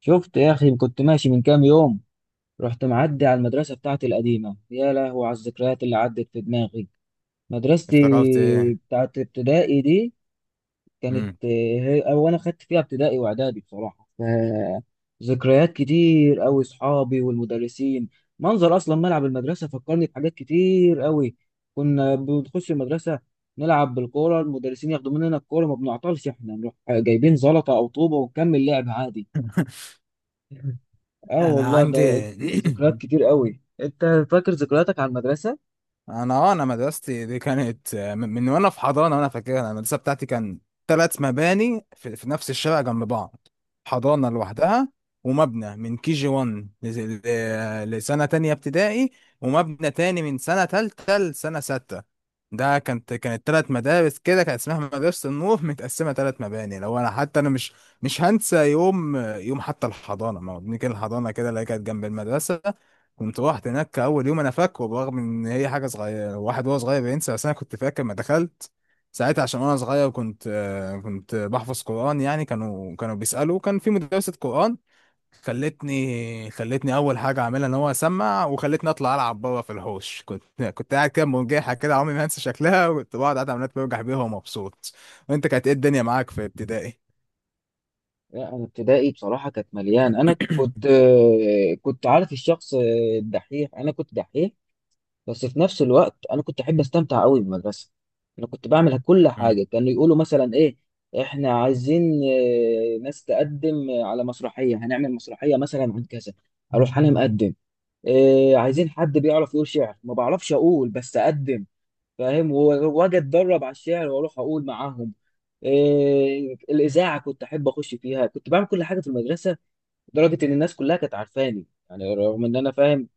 شفت يا أخي، كنت ماشي من كام يوم. رحت معدي على المدرسة بتاعتي القديمة. يا لهو على الذكريات اللي عدت في دماغي. مدرستي افتكرت ايه؟ بتاعت ابتدائي دي كانت امم هي أو أنا خدت فيها ابتدائي وإعدادي بصراحة. ذكريات كتير أوي، صحابي والمدرسين. منظر أصلا ملعب المدرسة فكرني بحاجات كتير أوي. كنا بنخش المدرسة نلعب بالكورة، المدرسين ياخدوا مننا الكورة، ما بنعطلش، إحنا نروح جايبين زلطة أو طوبة ونكمل لعب عادي. اه انا والله، ده عندي ذكريات كتير قوي. انت فاكر ذكرياتك على المدرسه؟ انا مدرستي دي كانت من وانا في حضانه، وانا فاكرها. أنا المدرسه بتاعتي كان ثلاث مباني في نفس الشارع جنب بعض. حضانه لوحدها، ومبنى من كي جي 1 لسنه تانية ابتدائي، ومبنى تاني من سنه تالتة لسنه سته. ده كانت ثلاث مدارس كده، كانت اسمها مدرسه النور متقسمه ثلاث مباني. لو انا حتى انا مش هنسى يوم يوم حتى الحضانه. ما هو بنيجي الحضانه كده اللي هي كانت جنب المدرسه. كنت رحت هناك اول يوم انا فاكره، برغم ان هي حاجه صغيره واحد وهو صغير بينسى، بس انا كنت فاكر ما دخلت ساعتها. عشان وانا صغير كنت كنت بحفظ قران، يعني كانوا بيسالوا كان في مدرسه قران. خلتني اول حاجه اعملها ان هو اسمع، وخلتني اطلع العب بره في الحوش. كنت قاعد كده مرجحه كده، عمري ما هنسى شكلها، وكنت بقعد قاعد عمال برجح بيها ومبسوط. وانت كانت ايه الدنيا معاك في ابتدائي؟ لا، انا ابتدائي بصراحه كانت مليان. انا كنت كنت عارف الشخص الدحيح، انا كنت دحيح. بس في نفس الوقت انا كنت احب استمتع قوي بالمدرسه. انا كنت بعمل كل امم حاجه. كانوا يقولوا مثلا ايه، احنا عايزين ناس تقدم على مسرحيه، هنعمل مسرحيه مثلا عن كذا، اروح انا مقدم. إيه، عايزين حد بيعرف يقول شعر، ما بعرفش اقول بس اقدم، فاهم. واجي اتدرب على الشعر واروح اقول معاهم. إيه، الاذاعه كنت احب اخش فيها، كنت بعمل كل حاجه في المدرسه، لدرجه ان الناس كلها كانت عارفاني. يعني رغم ان انا فاهم،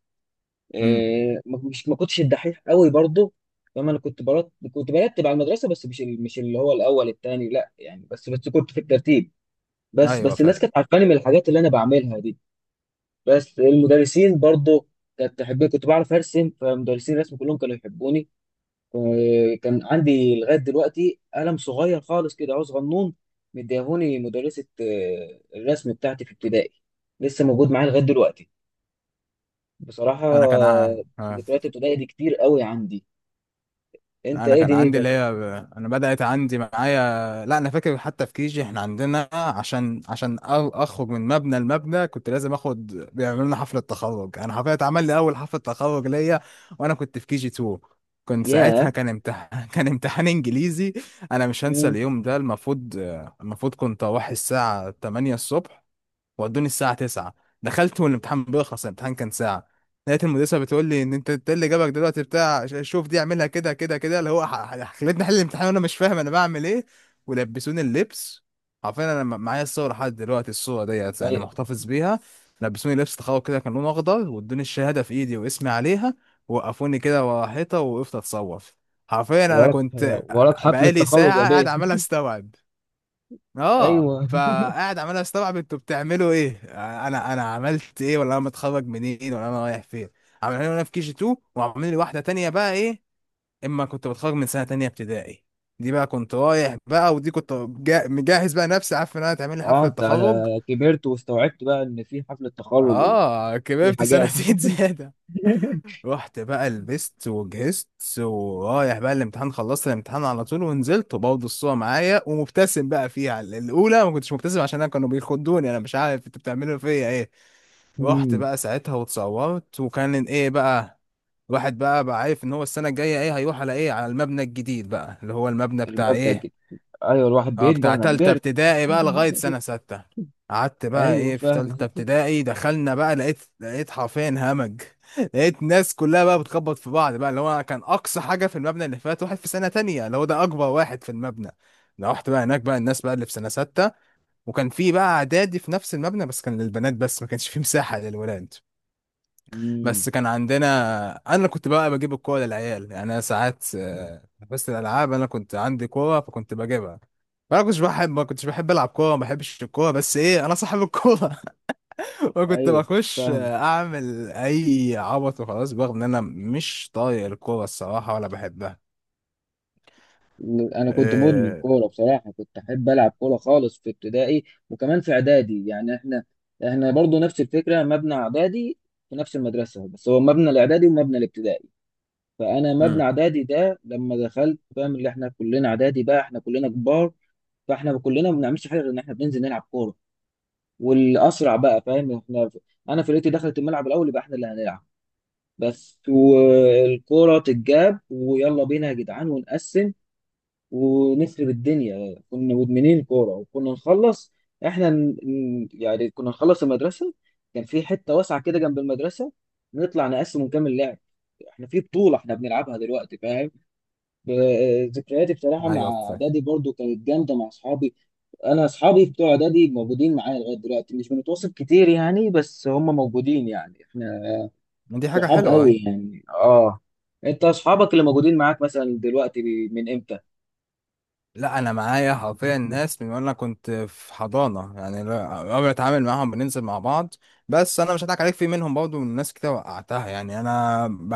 أمم. إيه، مش ما كنتش الدحيح قوي برضه، فاهم. انا كنت برتب على المدرسه، بس مش مش اللي هو الاول التاني، لا يعني، بس بس كنت في الترتيب. بس ايوه بس فاهم. الناس كانت عارفاني من الحاجات اللي انا بعملها دي. بس المدرسين برضه كانت تحبني، كنت بعرف ارسم فمدرسين الرسم كلهم كانوا يحبوني. كان عندي لغاية دلوقتي قلم صغير خالص كده، عاوز غنون، مديهوني مدرسة الرسم بتاعتي في ابتدائي. لسه موجود معايا لغاية دلوقتي، بصراحة انا كان ع- آه. ذكريات ابتدائي دي كتير قوي عندي. انت انا ايه كان عندي دنيتك؟ اللي هي. انا بدأت عندي معايا، لا انا فاكر حتى في كيجي احنا عندنا، عشان اخرج من مبنى لمبنى كنت لازم اخد، بيعملوا لنا حفلة تخرج. انا حفلة اتعمل لي اول حفلة تخرج ليا، وانا كنت في كيجي 2. كنت ساعتها ياه. كان امتحان كان امتحان انجليزي. انا مش هنسى مم. اليوم ده. المفروض كنت اروح الساعة 8 الصبح، ودوني الساعة 9. دخلت والامتحان بيخلص، الامتحان كان ساعة. لقيت المدرسة بتقول لي ان إنت اللي جابك دلوقتي بتاع، شوف دي اعملها كده كده كده، اللي هو خلتني احل الامتحان وانا مش فاهم انا بعمل ايه. ولبسوني اللبس. عارفين انا معايا الصور لحد دلوقتي، الصورة ديت يعني ايوه. محتفظ بيها. لبسوني لبس تخوف كده، كان لونه اخضر، وادوني الشهادة في ايدي واسمي عليها. وقفوني كده ورا حيطة ووقفت اتصور. حرفيا انا وراك، كنت، وراك حفلة بقالي تخرج يا ساعة قاعد بيه. عمال استوعب. اه ايوه، فقاعد عمال استوعب انتوا بتعملوا ايه، انا عملت ايه، ولا انا متخرج منين، ولا انا رايح فين. عاملين لي وانا في كي جي 2، وعاملين لي واحده تانية بقى ايه، اما كنت بتخرج من سنه تانية ابتدائي. دي بقى كنت رايح بقى، ودي كنت مجهز بقى نفسي، عارف ان انا هتعمل لي اه حفله انت تخرج. كبرت واستوعبت بقى ان في حفلة تخرج وفي اه كبرت حاجات. سنتين زياده. رحت بقى لبست وجهزت، ورايح بقى الامتحان، خلصت الامتحان على طول ونزلت، وبرضه الصورة معايا ومبتسم بقى فيها. الأولى ما كنتش مبتسم عشان أنا كانوا بيخدوني، أنا مش عارف أنتوا بتعملوا فيا إيه. رحت مم. بقى ساعتها واتصورت، وكان إيه بقى، الواحد بقى عارف إن هو السنة الجاية إيه، هيروح على إيه، على المبنى الجديد بقى اللي هو المبنى بتاع المبدأ إيه. الجديد. ايوه، الواحد اه بيكبر، بتاع انا تالتة كبرت. ابتدائي بقى لغاية سنة ستة. قعدت بقى ايوه ايه في تالتة فاهمك. ابتدائي، دخلنا بقى، لقيت حرفيا همج لقيت ناس كلها بقى بتخبط في بعض بقى. اللي هو كان أقصى حاجة في المبنى اللي فات واحد في سنة تانية اللي هو ده أكبر واحد في المبنى. لو رحت بقى هناك بقى الناس بقى اللي في سنة ستة. وكان في بقى إعدادي في نفس المبنى بس كان للبنات بس، ما كانش فيه مساحة للولاد. امم. بس كان عندنا، انا كنت بقى بجيب الكوره للعيال، يعني انا ساعات، بس الالعاب انا كنت عندي كوره فكنت بجيبها. انا كنتش بحب، ما كنتش بحب العب كوره، ما بحبش الكوره، بس ايه انا صاحب الكوره. وكنت ايوه بخش فاهمك. آه، اعمل اي عبط وخلاص، برغم ان انا مش طايق الكوره الصراحه ولا بحبها. انا كنت مدمن إيه... كوره بصراحه، كنت احب العب كوره خالص في ابتدائي، وكمان في اعدادي. يعني احنا، احنا برضو نفس الفكره، مبنى اعدادي في نفس المدرسه، بس هو مبنى الاعدادي ومبنى الابتدائي. فانا مبنى امم اعدادي ده لما دخلت، فاهم، اللي احنا كلنا اعدادي بقى، احنا كلنا كبار. فاحنا كلنا ما بنعملش حاجه غير ان احنا بننزل نلعب كوره. والاسرع بقى، فاهم، احنا انا فرقتي دخلت الملعب الاول يبقى احنا اللي هنلعب، بس، والكورة تتجاب ويلا بينا يا جدعان، ونقسم ونخرب الدنيا. كنا مدمنين كورة. وكنا نخلص، احنا يعني كنا نخلص المدرسة، كان في حتة واسعة كده جنب المدرسة، نطلع نقسم ونكمل لعب، احنا في بطولة احنا بنلعبها دلوقتي، فاهم. ذكرياتي بصراحة مع ايوه فاهم. اعدادي برضو كانت جامدة مع اصحابي. انا اصحابي بتوع اعدادي موجودين معايا لغاية دلوقتي، مش بنتواصل كتير يعني، بس هم موجودين، يعني احنا دي حاجه صحاب حلوه. قوي يعني. اه، انت اصحابك اللي موجودين معاك مثلا دلوقتي من امتى؟ لا انا معايا حرفيا ناس من وانا كنت في حضانه يعني، قبل اتعامل معاهم بننزل مع بعض. بس انا مش هضحك عليك في منهم برضه من ناس كتير وقعتها يعني انا ب...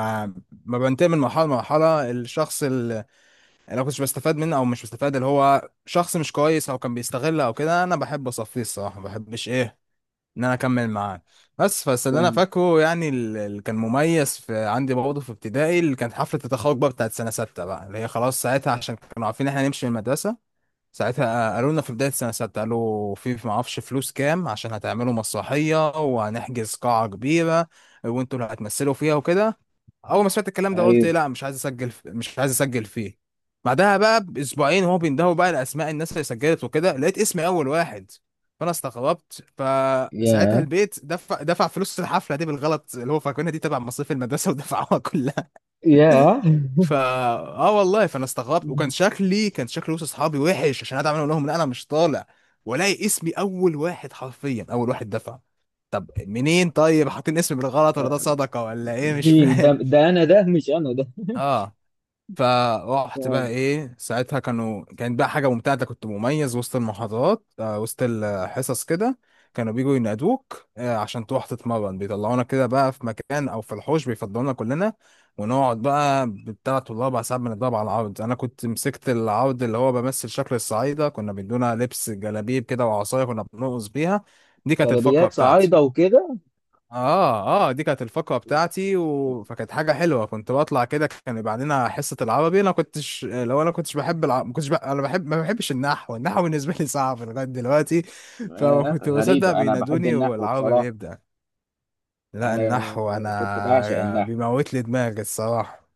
ما بنتقل من مرحله لمرحله الشخص اللي انا كنتش بستفاد منه او مش بستفاد، اللي هو شخص مش كويس او كان بيستغل او كده، انا بحب اصفيه الصراحه، ما بحبش ايه ان انا اكمل معاه. بس اللي انا فاهم. فاكره يعني، اللي كان مميز في عندي برضه في ابتدائي اللي كانت حفله التخرج بقى بتاعت سنه سته بقى، اللي هي خلاص ساعتها عشان كانوا عارفين إن احنا هنمشي من المدرسه. ساعتها قالوا لنا في بداية السنة، ساعتها قالوا في ما اعرفش فلوس كام عشان هتعملوا مسرحية وهنحجز قاعة كبيرة، وانتوا اللي هتمثلوا فيها وكده. اول ما سمعت الكلام ده قلت ايوه. إيه، لا مش عايز اسجل، مش عايز اسجل فيه. بعدها بقى باسبوعين هو بيندهوا بقى لاسماء الناس اللي سجلت وكده، لقيت اسمي اول واحد. فانا استغربت، فساعتها يا، البيت دفع فلوس الحفله دي بالغلط، اللي هو فاكرينها دي تبع مصاريف المدرسه ودفعوها. يا. فا اه والله فانا استغربت، وكان شكلي كان شكل وسط اصحابي وحش عشان انا عمال اقول لهم ان انا مش طالع، والاقي اسمي اول واحد، حرفيا اول واحد دفع. طب منين، طيب حاطين اسمي بالغلط ولا ده صدقه ولا ايه، مش مين ده؟ فاهم. ده انا؟ ده مش انا ده. اه فروحت بقى فاهم. ايه ساعتها، كانوا كانت بقى حاجه ممتعه، أنت كنت مميز وسط المحاضرات، وسط الحصص كده. كانوا بيجوا ينادوك، عشان تروح تتمرن، بيطلعونا كده بقى في مكان او في الحوش بيفضلونا كلنا، ونقعد بقى بالثلاث والاربع ساعات بنضرب على العرض. انا كنت مسكت العرض اللي هو بمثل شكل الصعايده، كنا بيدونا لبس جلابيب كده وعصايه كنا بنرقص بيها. دي كانت الفقره جلابيات بتاعتي. صعايده وكده. اه اه دي كانت الفقره بتاعتي و... فكانت حاجه حلوه. كنت بطلع كده كان يبقى عندنا حصه العربي. انا كنتش لو انا كنتش بحب ما كنتش ب... انا بحب ما بحبش النحو. النحو بالنسبه لي صعب لغايه دلوقتي. فما كنت بصدق غريبه، انا بحب بينادوني النحو والعربي بصراحه. بيبدا. لا انا النحو كنت بعشق انا النحو. بيموت لي دماغي الصراحه.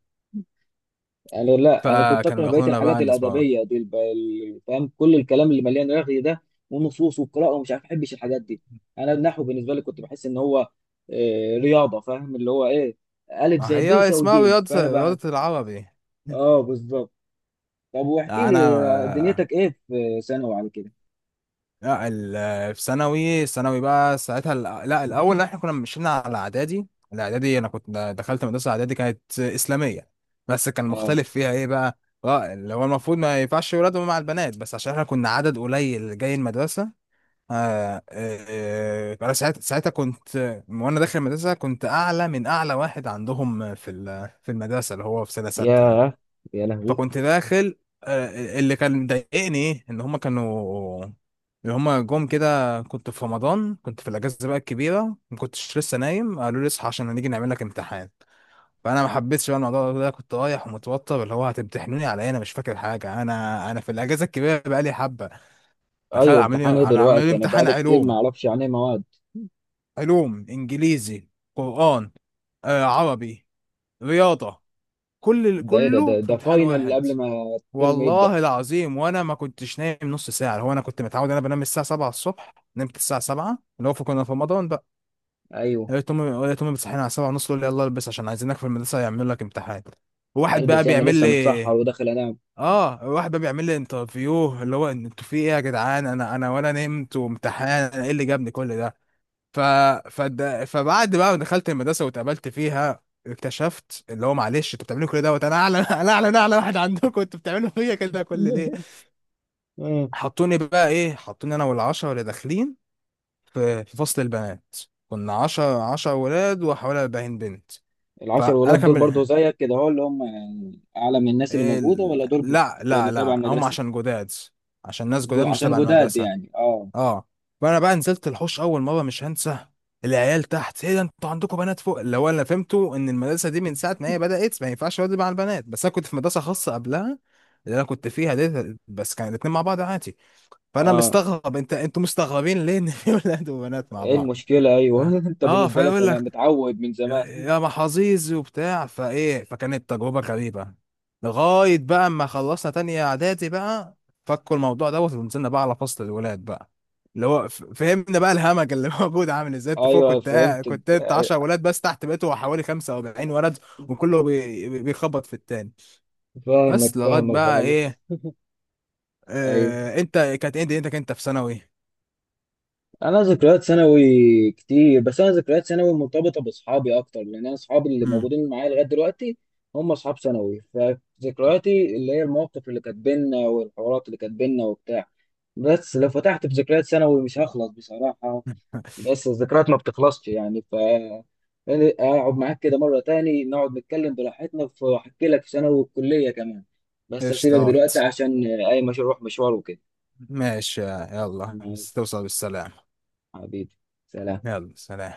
لا انا كنت فكانوا اكره بقيه بياخدونا بقى الحاجات ان اسمها، الادبيه دي، فاهم، كل الكلام اللي مليان رغي ده، ونصوص والقراءه ومش عارف، احبش الحاجات دي. انا النحو بالنسبه لي كنت بحس ان هو رياضه. فاهم اللي هو ايه، الف اه زائد ب هي يساوي اسمها جيم، فانا بقى. رياضه العربي. اه بالظبط. طب واحكي لي، انا دنيتك ايه في ثانوي على كده؟ لا في ثانوي بقى ساعتها لا الاول احنا كنا مشينا على اعدادي. الاعدادي انا كنت، دخلت مدرسه اعدادي كانت اسلاميه، بس كان اه. مختلف فيها ايه بقى. اه اللي هو المفروض ما ينفعش ولاد مع البنات، بس عشان احنا كنا عدد قليل جاي المدرسه. انا ساعتها كنت وانا داخل المدرسه كنت اعلى من اعلى واحد عندهم في في المدرسه، اللي هو في سنه سته يعني. ياه. يا لهوي. فكنت داخل، اللي كان مضايقني ايه ان هما كانوا، اللي هما جم كده كنت في رمضان كنت في الاجازه بقى الكبيره، ما كنتش لسه نايم، قالوا لي اصحى عشان هنيجي نعمل لك امتحان. فانا ما حبيتش بقى الموضوع ده، كنت رايح ومتوتر، اللي هو هتمتحنوني على ايه، انا مش فاكر حاجه، انا في الاجازه الكبيره بقى لي حبه. دخل ايوه، امتحان ايه عاملين لي دلوقتي؟ انا امتحان بقالي كتير ما علوم، اعرفش عن ايه مواد. علوم انجليزي، قران، عربي، رياضه، كل ده ايه ده كله ده, في ده امتحان فاينل واحد. قبل ما الترم يبدا؟ والله العظيم وانا ما كنتش نايم نص ساعه، هو انا كنت متعود انا بنام الساعه 7 الصبح، نمت الساعه 7 اللي هو كنا في رمضان بقى. ايوه، لقيت امي بتصحيني على 7 ونص، تقول لي يلا البس عشان عايزينك في المدرسه يعملوا لك امتحان. وواحد قلبي بقى انا بيعمل لسه متسحر لي وداخل انام. اه واحد بقى بيعمل لي انترفيو، اللي هو إن انتوا في ايه يا جدعان، انا ولا نمت وامتحان، انا ايه اللي جابني كل ده. ف... فبعد بقى ما دخلت المدرسه واتقابلت فيها، اكتشفت اللي هو معلش انتوا بتعملوا كل دوت انا اعلى انا اعلى واحد عندكم، انتوا بتعملوا فيا كده كل ليه. مم. حطوني بقى ايه، حطوني انا والعشرة اللي داخلين في فصل البنات. كنا عشرة ولاد وحوالي 40 بنت. العشر فانا ولاد كان دول بن... برضو زيك كده، هو اللي هم يعني اعلى من الناس اللي موجوده، ال... ولا لا، لا، كانوا تبع لا، هم المدرسه؟ عشان جداد، عشان ناس جو جداد مش عشان تبع جداد المدرسة. يعني. اه. اه فانا بقى نزلت الحوش اول مرة مش هنسى. العيال تحت ايه ده، انتوا عندكم بنات فوق، اللي هو انا فهمته ان المدرسة دي من ساعة ما هي بدأت ما ينفعش واد مع البنات، بس انا كنت في مدرسة خاصة قبلها اللي انا كنت فيها دي، بس كان الاتنين مع بعض عادي. فانا اه، مستغرب، انتوا مستغربين ليه ان في ولاد وبنات مع ايه بعض. المشكله؟ ف... ايوه. انت اه بالنسبه لك فيقول انا لك، متعود من زمان. يا محظوظ وبتاع فايه، فكانت تجربه غريبه لغايه بقى ما خلصنا تانية اعدادي بقى. فكوا الموضوع دوت، ونزلنا بقى على فصل الولاد بقى اللي هو فهمنا بقى الهمج اللي موجود عامل ازاي. انت فوق ايوه كنت فهمت. كنت انت 10 ولاد بس، تحت بقيتوا حوالي 45 ولد. وكله بيخبط في التاني. فاهمك بس لغايه فاهمك بقى خالص. ايه، ايوه، انت كانت ايه دنيتك انت كنت في ثانوي؟ انا ذكريات ثانوي كتير، بس انا ذكريات ثانوي مرتبطه باصحابي اكتر، لان انا اصحابي اللي موجودين معايا لغايه دلوقتي هم اصحاب ثانوي. فذكرياتي اللي هي المواقف اللي كانت بينا والحوارات اللي كانت بينا وبتاع. بس لو فتحت في ذكريات ثانوي مش هخلص بصراحه. بس الذكريات ما بتخلصش يعني. يعني اقعد معاك كده مره تاني، نقعد نتكلم براحتنا، واحكي لك في ثانوي والكليه كمان. بس هسيبك دلوقتي قشطات. عشان اي مشروع مشوار وكده. ماشي يلا ماشي. بس توصل بالسلامة. حبيبي. سلام. يلا سلام.